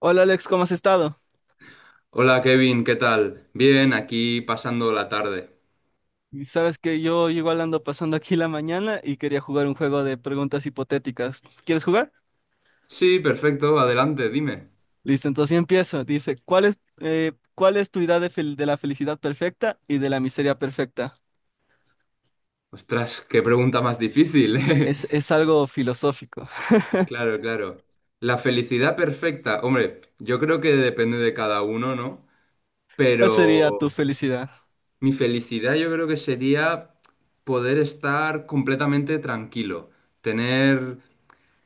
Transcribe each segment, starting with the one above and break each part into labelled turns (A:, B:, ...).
A: Hola Alex, ¿cómo has estado?
B: Hola Kevin, ¿qué tal? Bien, aquí pasando la tarde.
A: Y sabes que yo igual ando pasando aquí la mañana y quería jugar un juego de preguntas hipotéticas. ¿Quieres jugar?
B: Sí, perfecto, adelante, dime.
A: Listo, entonces yo empiezo. Dice, cuál es tu idea de, de la felicidad perfecta y de la miseria perfecta?
B: Ostras, qué pregunta más difícil, ¿eh?
A: Es algo filosófico.
B: Claro, claro. La felicidad perfecta, hombre, yo creo que depende de cada uno, ¿no?
A: ¿Cuál sería tu
B: Pero
A: felicidad?
B: mi felicidad yo creo que sería poder estar completamente tranquilo, tener.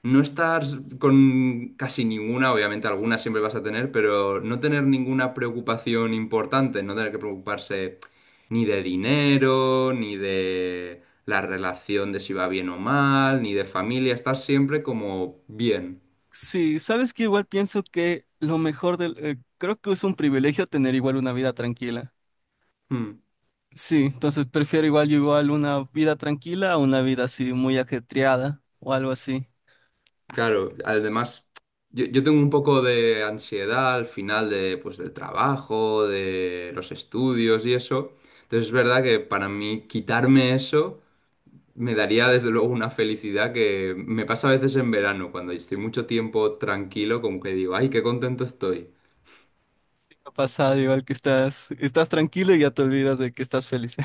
B: No estar con casi ninguna, obviamente alguna siempre vas a tener, pero no tener ninguna preocupación importante, no tener que preocuparse ni de dinero, ni de la relación de si va bien o mal, ni de familia, estar siempre como bien.
A: Sí, sabes que igual pienso que lo mejor del. Creo que es un privilegio tener igual una vida tranquila.
B: Mm,
A: Sí, entonces prefiero igual yo igual una vida tranquila a una vida así muy ajetreada o algo así.
B: claro, además yo tengo un poco de ansiedad al final de, pues, del trabajo, de los estudios y eso, entonces es verdad que para mí quitarme eso me daría desde luego una felicidad que me pasa a veces en verano, cuando estoy mucho tiempo tranquilo, como que digo, ay, qué contento estoy.
A: Ha pasado igual que estás, estás tranquilo y ya te olvidas de que estás feliz.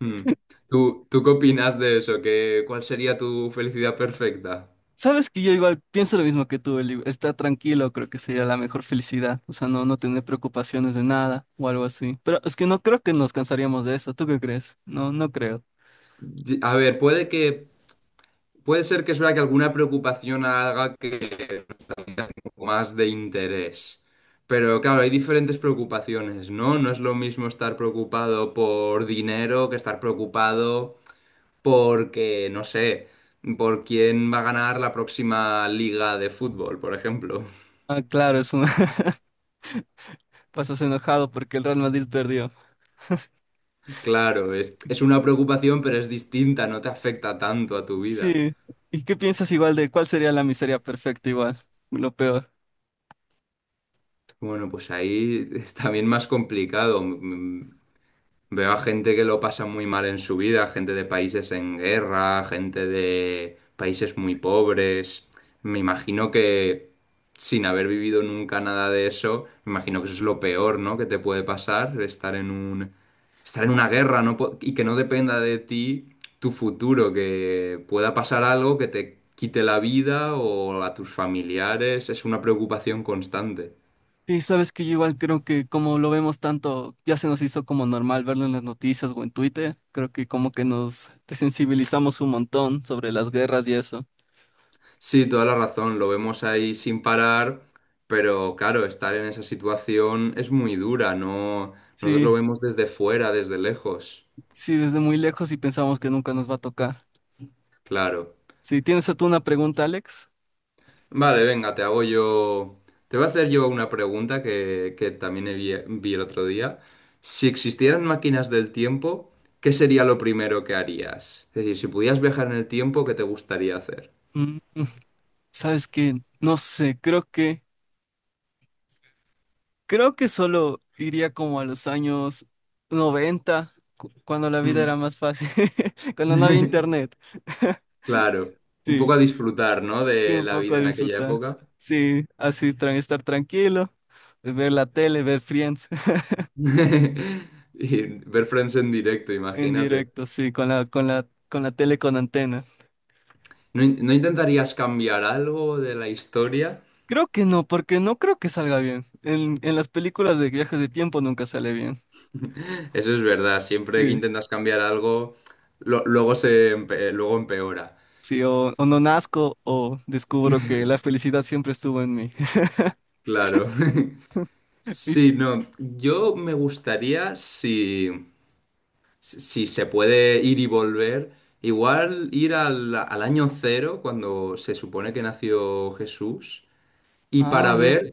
B: Mm. ¿Tú qué opinas de eso? ¿Qué, cuál sería tu felicidad perfecta?
A: Sabes que yo igual pienso lo mismo que tú, Eli. Estar tranquilo creo que sería la mejor felicidad. O sea, no tener preocupaciones de nada o algo así. Pero es que no creo que nos cansaríamos de eso. ¿Tú qué crees? No, no creo.
B: A ver, puede que, puede ser que es verdad que alguna preocupación haga que un poco más de interés. Pero claro, hay diferentes preocupaciones, ¿no? No es lo mismo estar preocupado por dinero que estar preocupado. Porque, no sé, por quién va a ganar la próxima liga de fútbol, por ejemplo.
A: Ah, claro, es un... pasas enojado porque el Real Madrid perdió.
B: Claro, es una preocupación, pero es distinta, no te afecta tanto a tu vida.
A: Sí. ¿Y qué piensas igual de cuál sería la miseria perfecta igual? Lo peor.
B: Bueno, pues ahí es también más complicado. Veo a gente que lo pasa muy mal en su vida, gente de países en guerra, gente de países muy pobres. Me imagino que sin haber vivido nunca nada de eso, me imagino que eso es lo peor, ¿no? Que te puede pasar, estar en un, estar en una guerra, y que no dependa de ti tu futuro, que pueda pasar algo que te quite la vida o a tus familiares, es una preocupación constante.
A: Sí, sabes que yo igual creo que como lo vemos tanto, ya se nos hizo como normal verlo en las noticias o en Twitter, creo que como que nos desensibilizamos un montón sobre las guerras y eso.
B: Sí, toda la razón, lo vemos ahí sin parar, pero claro, estar en esa situación es muy dura, no, nosotros
A: Sí,
B: lo vemos desde fuera, desde lejos,
A: sí, desde muy lejos y pensamos que nunca nos va a tocar.
B: claro.
A: Sí, tienes tú una pregunta, Alex.
B: Vale, venga, te hago yo, te voy a hacer yo una pregunta que también vi, vi el otro día. Si existieran máquinas del tiempo, ¿qué sería lo primero que harías? Es decir, si pudieras viajar en el tiempo, ¿qué te gustaría hacer?
A: Mm, sabes que, no sé, creo que solo iría como a los años 90 cuando la vida era
B: Mm.
A: más fácil, cuando no había internet.
B: Claro, un
A: Sí,
B: poco a disfrutar, ¿no?
A: que
B: De
A: un
B: la
A: poco
B: vida
A: a
B: en aquella
A: disfrutar.
B: época.
A: Sí, así estar tranquilo, ver la tele, ver Friends
B: Y ver Friends en directo,
A: en
B: imagínate.
A: directo, sí, con la, con la, con la tele con antena.
B: ¿No, no intentarías cambiar algo de la historia?
A: Creo que no, porque no creo que salga bien. En las películas de viajes de tiempo nunca sale bien.
B: Eso es verdad, siempre que
A: Sí.
B: intentas cambiar algo, luego luego empeora.
A: Sí, o no nazco o descubro que la felicidad siempre estuvo en mí.
B: Claro.
A: Y
B: Sí, no, yo me gustaría si, si se puede ir y volver, igual ir al, al año cero, cuando se supone que nació Jesús y
A: ah, mira,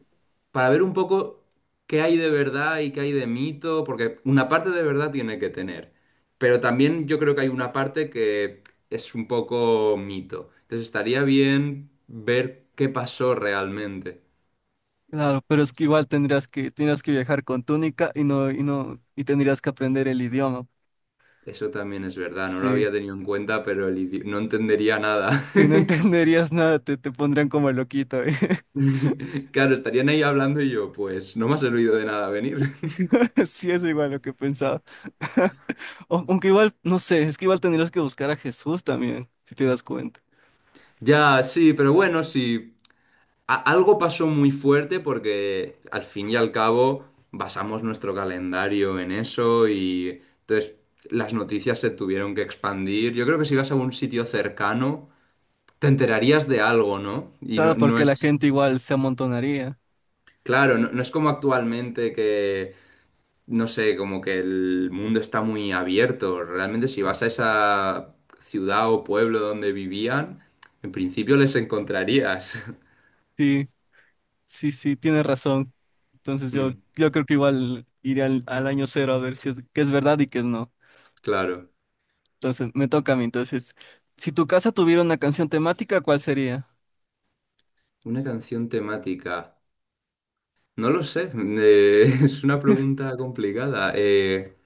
B: para ver un poco qué hay de verdad y qué hay de mito, porque una parte de verdad tiene que tener, pero también yo creo que hay una parte que es un poco mito. Entonces estaría bien ver qué pasó realmente.
A: claro, pero es que igual tendrías que viajar con túnica y no, y no, y tendrías que aprender el idioma.
B: Eso también es verdad, no lo
A: Sí.
B: había tenido en cuenta, pero el no entendería nada.
A: Si no entenderías nada, te pondrían como loquito, ¿eh?
B: Claro, estarían ahí hablando y yo, pues no me has oído de nada venir.
A: Sí, es igual lo que pensaba. O, aunque igual, no sé, es que igual tendrías que buscar a Jesús también, si te das cuenta.
B: Ya, sí, pero bueno, sí. Algo pasó muy fuerte porque al fin y al cabo basamos nuestro calendario en eso y entonces las noticias se tuvieron que expandir. Yo creo que si vas a un sitio cercano te enterarías de algo, ¿no? Y no,
A: Claro,
B: no
A: porque la
B: es,
A: gente igual se amontonaría.
B: claro, no, no es como actualmente que, no sé, como que el mundo está muy abierto. Realmente si vas a esa ciudad o pueblo donde vivían, en principio les encontrarías.
A: Sí, sí, sí, tienes razón. Entonces yo,
B: Mm,
A: yo creo que igual iré al, al año cero a ver si es, qué es verdad y qué es no.
B: claro.
A: Entonces me toca a mí. Entonces, si tu casa tuviera una canción temática, ¿cuál sería?
B: Una canción temática. No lo sé, es una pregunta complicada.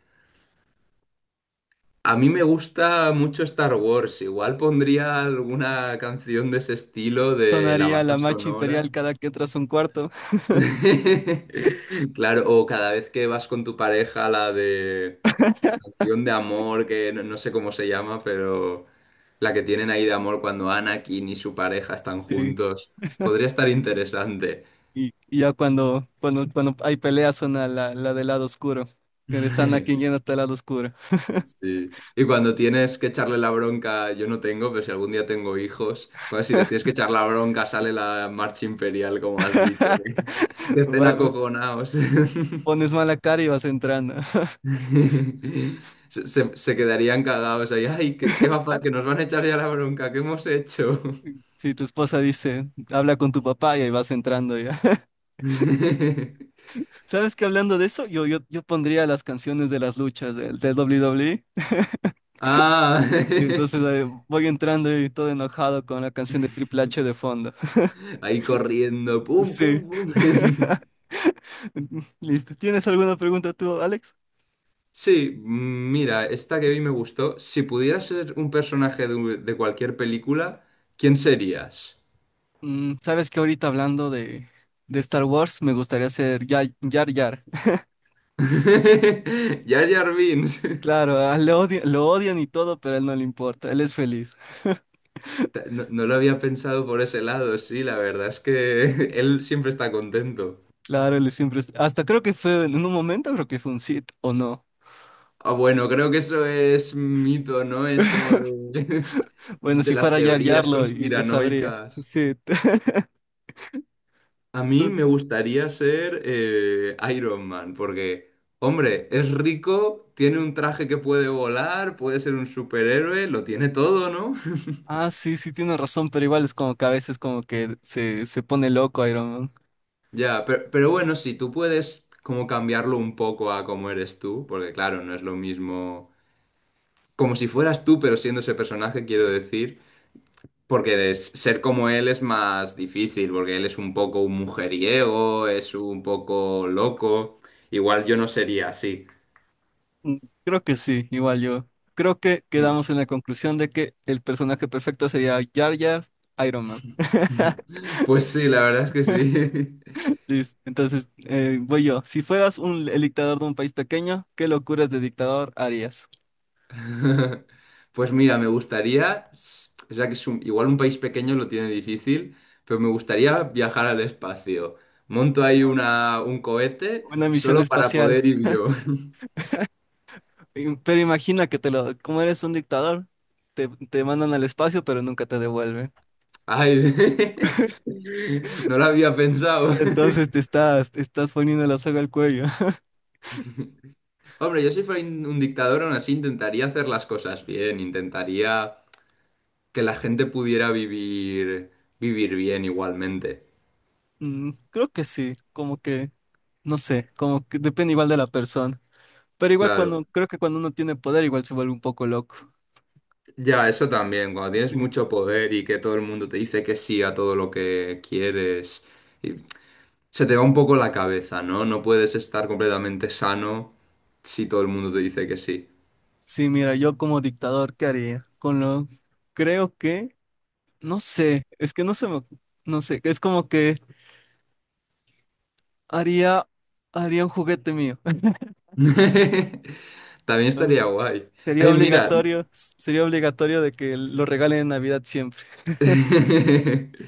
B: A mí me gusta mucho Star Wars, igual pondría alguna canción de ese estilo de la
A: Sonaría
B: banda
A: la marcha
B: sonora.
A: imperial cada que entras a un cuarto.
B: Claro, o cada vez que vas con tu pareja, la de canción de amor, que no, no sé cómo se llama, pero la que tienen ahí de amor cuando Anakin y su pareja están juntos. Podría estar interesante.
A: Y, y ya cuando, cuando, cuando hay peleas suena la, la del lado oscuro. Que eres Anakin yéndote al lado oscuro.
B: Sí. Y cuando tienes que echarle la bronca, yo no tengo, pero si algún día tengo hijos, cuando si les tienes que echar la bronca sale la marcha imperial, como has dicho, que estén
A: Va,
B: acojonados.
A: pones mala cara y vas entrando.
B: Se, se quedarían cagados ahí. Ay, ¿qué, que nos van a echar ya la bronca?, ¿qué hemos hecho?
A: Si tu esposa dice, habla con tu papá y ahí vas entrando ya. ¿Sabes que hablando de eso? Yo pondría las canciones de las luchas del, del WWE.
B: Ah,
A: Y entonces voy entrando y todo enojado con la canción de Triple H de fondo.
B: ahí corriendo, pum,
A: Sí.
B: pum, pum.
A: Listo. ¿Tienes alguna pregunta tú, Alex?
B: Sí, mira, esta que vi me gustó. Si pudieras ser un personaje de, de cualquier película, ¿quién serías?
A: Sabes que ahorita hablando de Star Wars, me gustaría ser Yar Yar. Yar.
B: Jar Jar Binks.
A: Claro, ah, lo odian y todo, pero a él no le importa, él es feliz.
B: No, no lo había pensado por ese lado, sí, la verdad es que él siempre está contento.
A: Claro, él siempre es hasta creo que fue, en un momento creo que fue un Sith, ¿o no?
B: Ah, bueno, creo que eso es mito, ¿no? Es como de,
A: Bueno,
B: de
A: si
B: las
A: fuera Yar Yar
B: teorías
A: lo sabría.
B: conspiranoicas.
A: Sí.
B: A mí
A: Tú,
B: me gustaría ser Iron Man, porque, hombre, es rico, tiene un traje que puede volar, puede ser un superhéroe, lo tiene todo, ¿no?
A: ah, sí, sí, tiene razón, pero igual es como que a veces como que se pone loco Iron Man.
B: Ya, pero bueno, si tú puedes como cambiarlo un poco a cómo eres tú, porque claro, no es lo mismo como si fueras tú, pero siendo ese personaje, quiero decir, ser como él es más difícil, porque él es un poco un mujeriego, es un poco loco, igual yo no sería así.
A: Mm, Creo que sí, igual yo. Creo que quedamos en la conclusión de que el personaje perfecto sería Yar Yar Iron Man.
B: Pues sí, la verdad es que sí.
A: Listo. Entonces, voy yo. Si fueras un, el dictador de un país pequeño, ¿qué locuras de dictador harías?
B: Pues mira, me gustaría, o sea que igual un país pequeño lo tiene difícil, pero me gustaría viajar al espacio. Monto ahí una, un cohete
A: Una misión
B: solo para
A: espacial.
B: poder ir yo.
A: Pero imagina que te lo, como eres un dictador, te mandan al espacio, pero nunca te devuelven.
B: Ay, no lo había pensado.
A: Y entonces te estás poniendo la soga al cuello.
B: Hombre, yo si fuera un dictador, aún así intentaría hacer las cosas bien, intentaría que la gente pudiera vivir, vivir bien igualmente.
A: Creo que sí, como que, no sé, como que depende igual de la persona. Pero igual
B: Claro.
A: cuando, creo que cuando uno tiene poder, igual se vuelve un poco loco.
B: Ya, eso también, cuando tienes
A: Sí,
B: mucho poder y que todo el mundo te dice que sí a todo lo que quieres, y se te va un poco la cabeza, ¿no? No puedes estar completamente sano si todo el mundo te dice que sí.
A: sí, mira, yo como dictador, ¿qué haría? Con lo, creo que no sé, es que no se me, no sé, es como que haría, haría un juguete mío.
B: También
A: Entonces,
B: estaría guay. Ay, mira,
A: sería obligatorio de que lo regalen en Navidad siempre.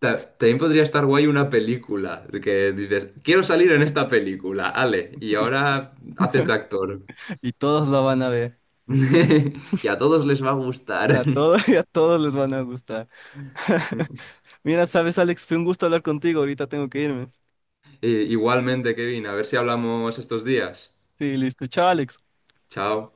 B: también podría estar guay una película, de que dices, quiero salir en esta película, Ale, y
A: Y,
B: ahora haces de actor.
A: y todos lo van a ver.
B: Y a todos les va a gustar.
A: A todos y a todos les van a gustar. Mira, sabes, Alex, fue un gusto hablar contigo. Ahorita tengo que irme.
B: Igualmente, Kevin, a ver si hablamos estos días.
A: Sí, listo. Chao, Alex.
B: Chao.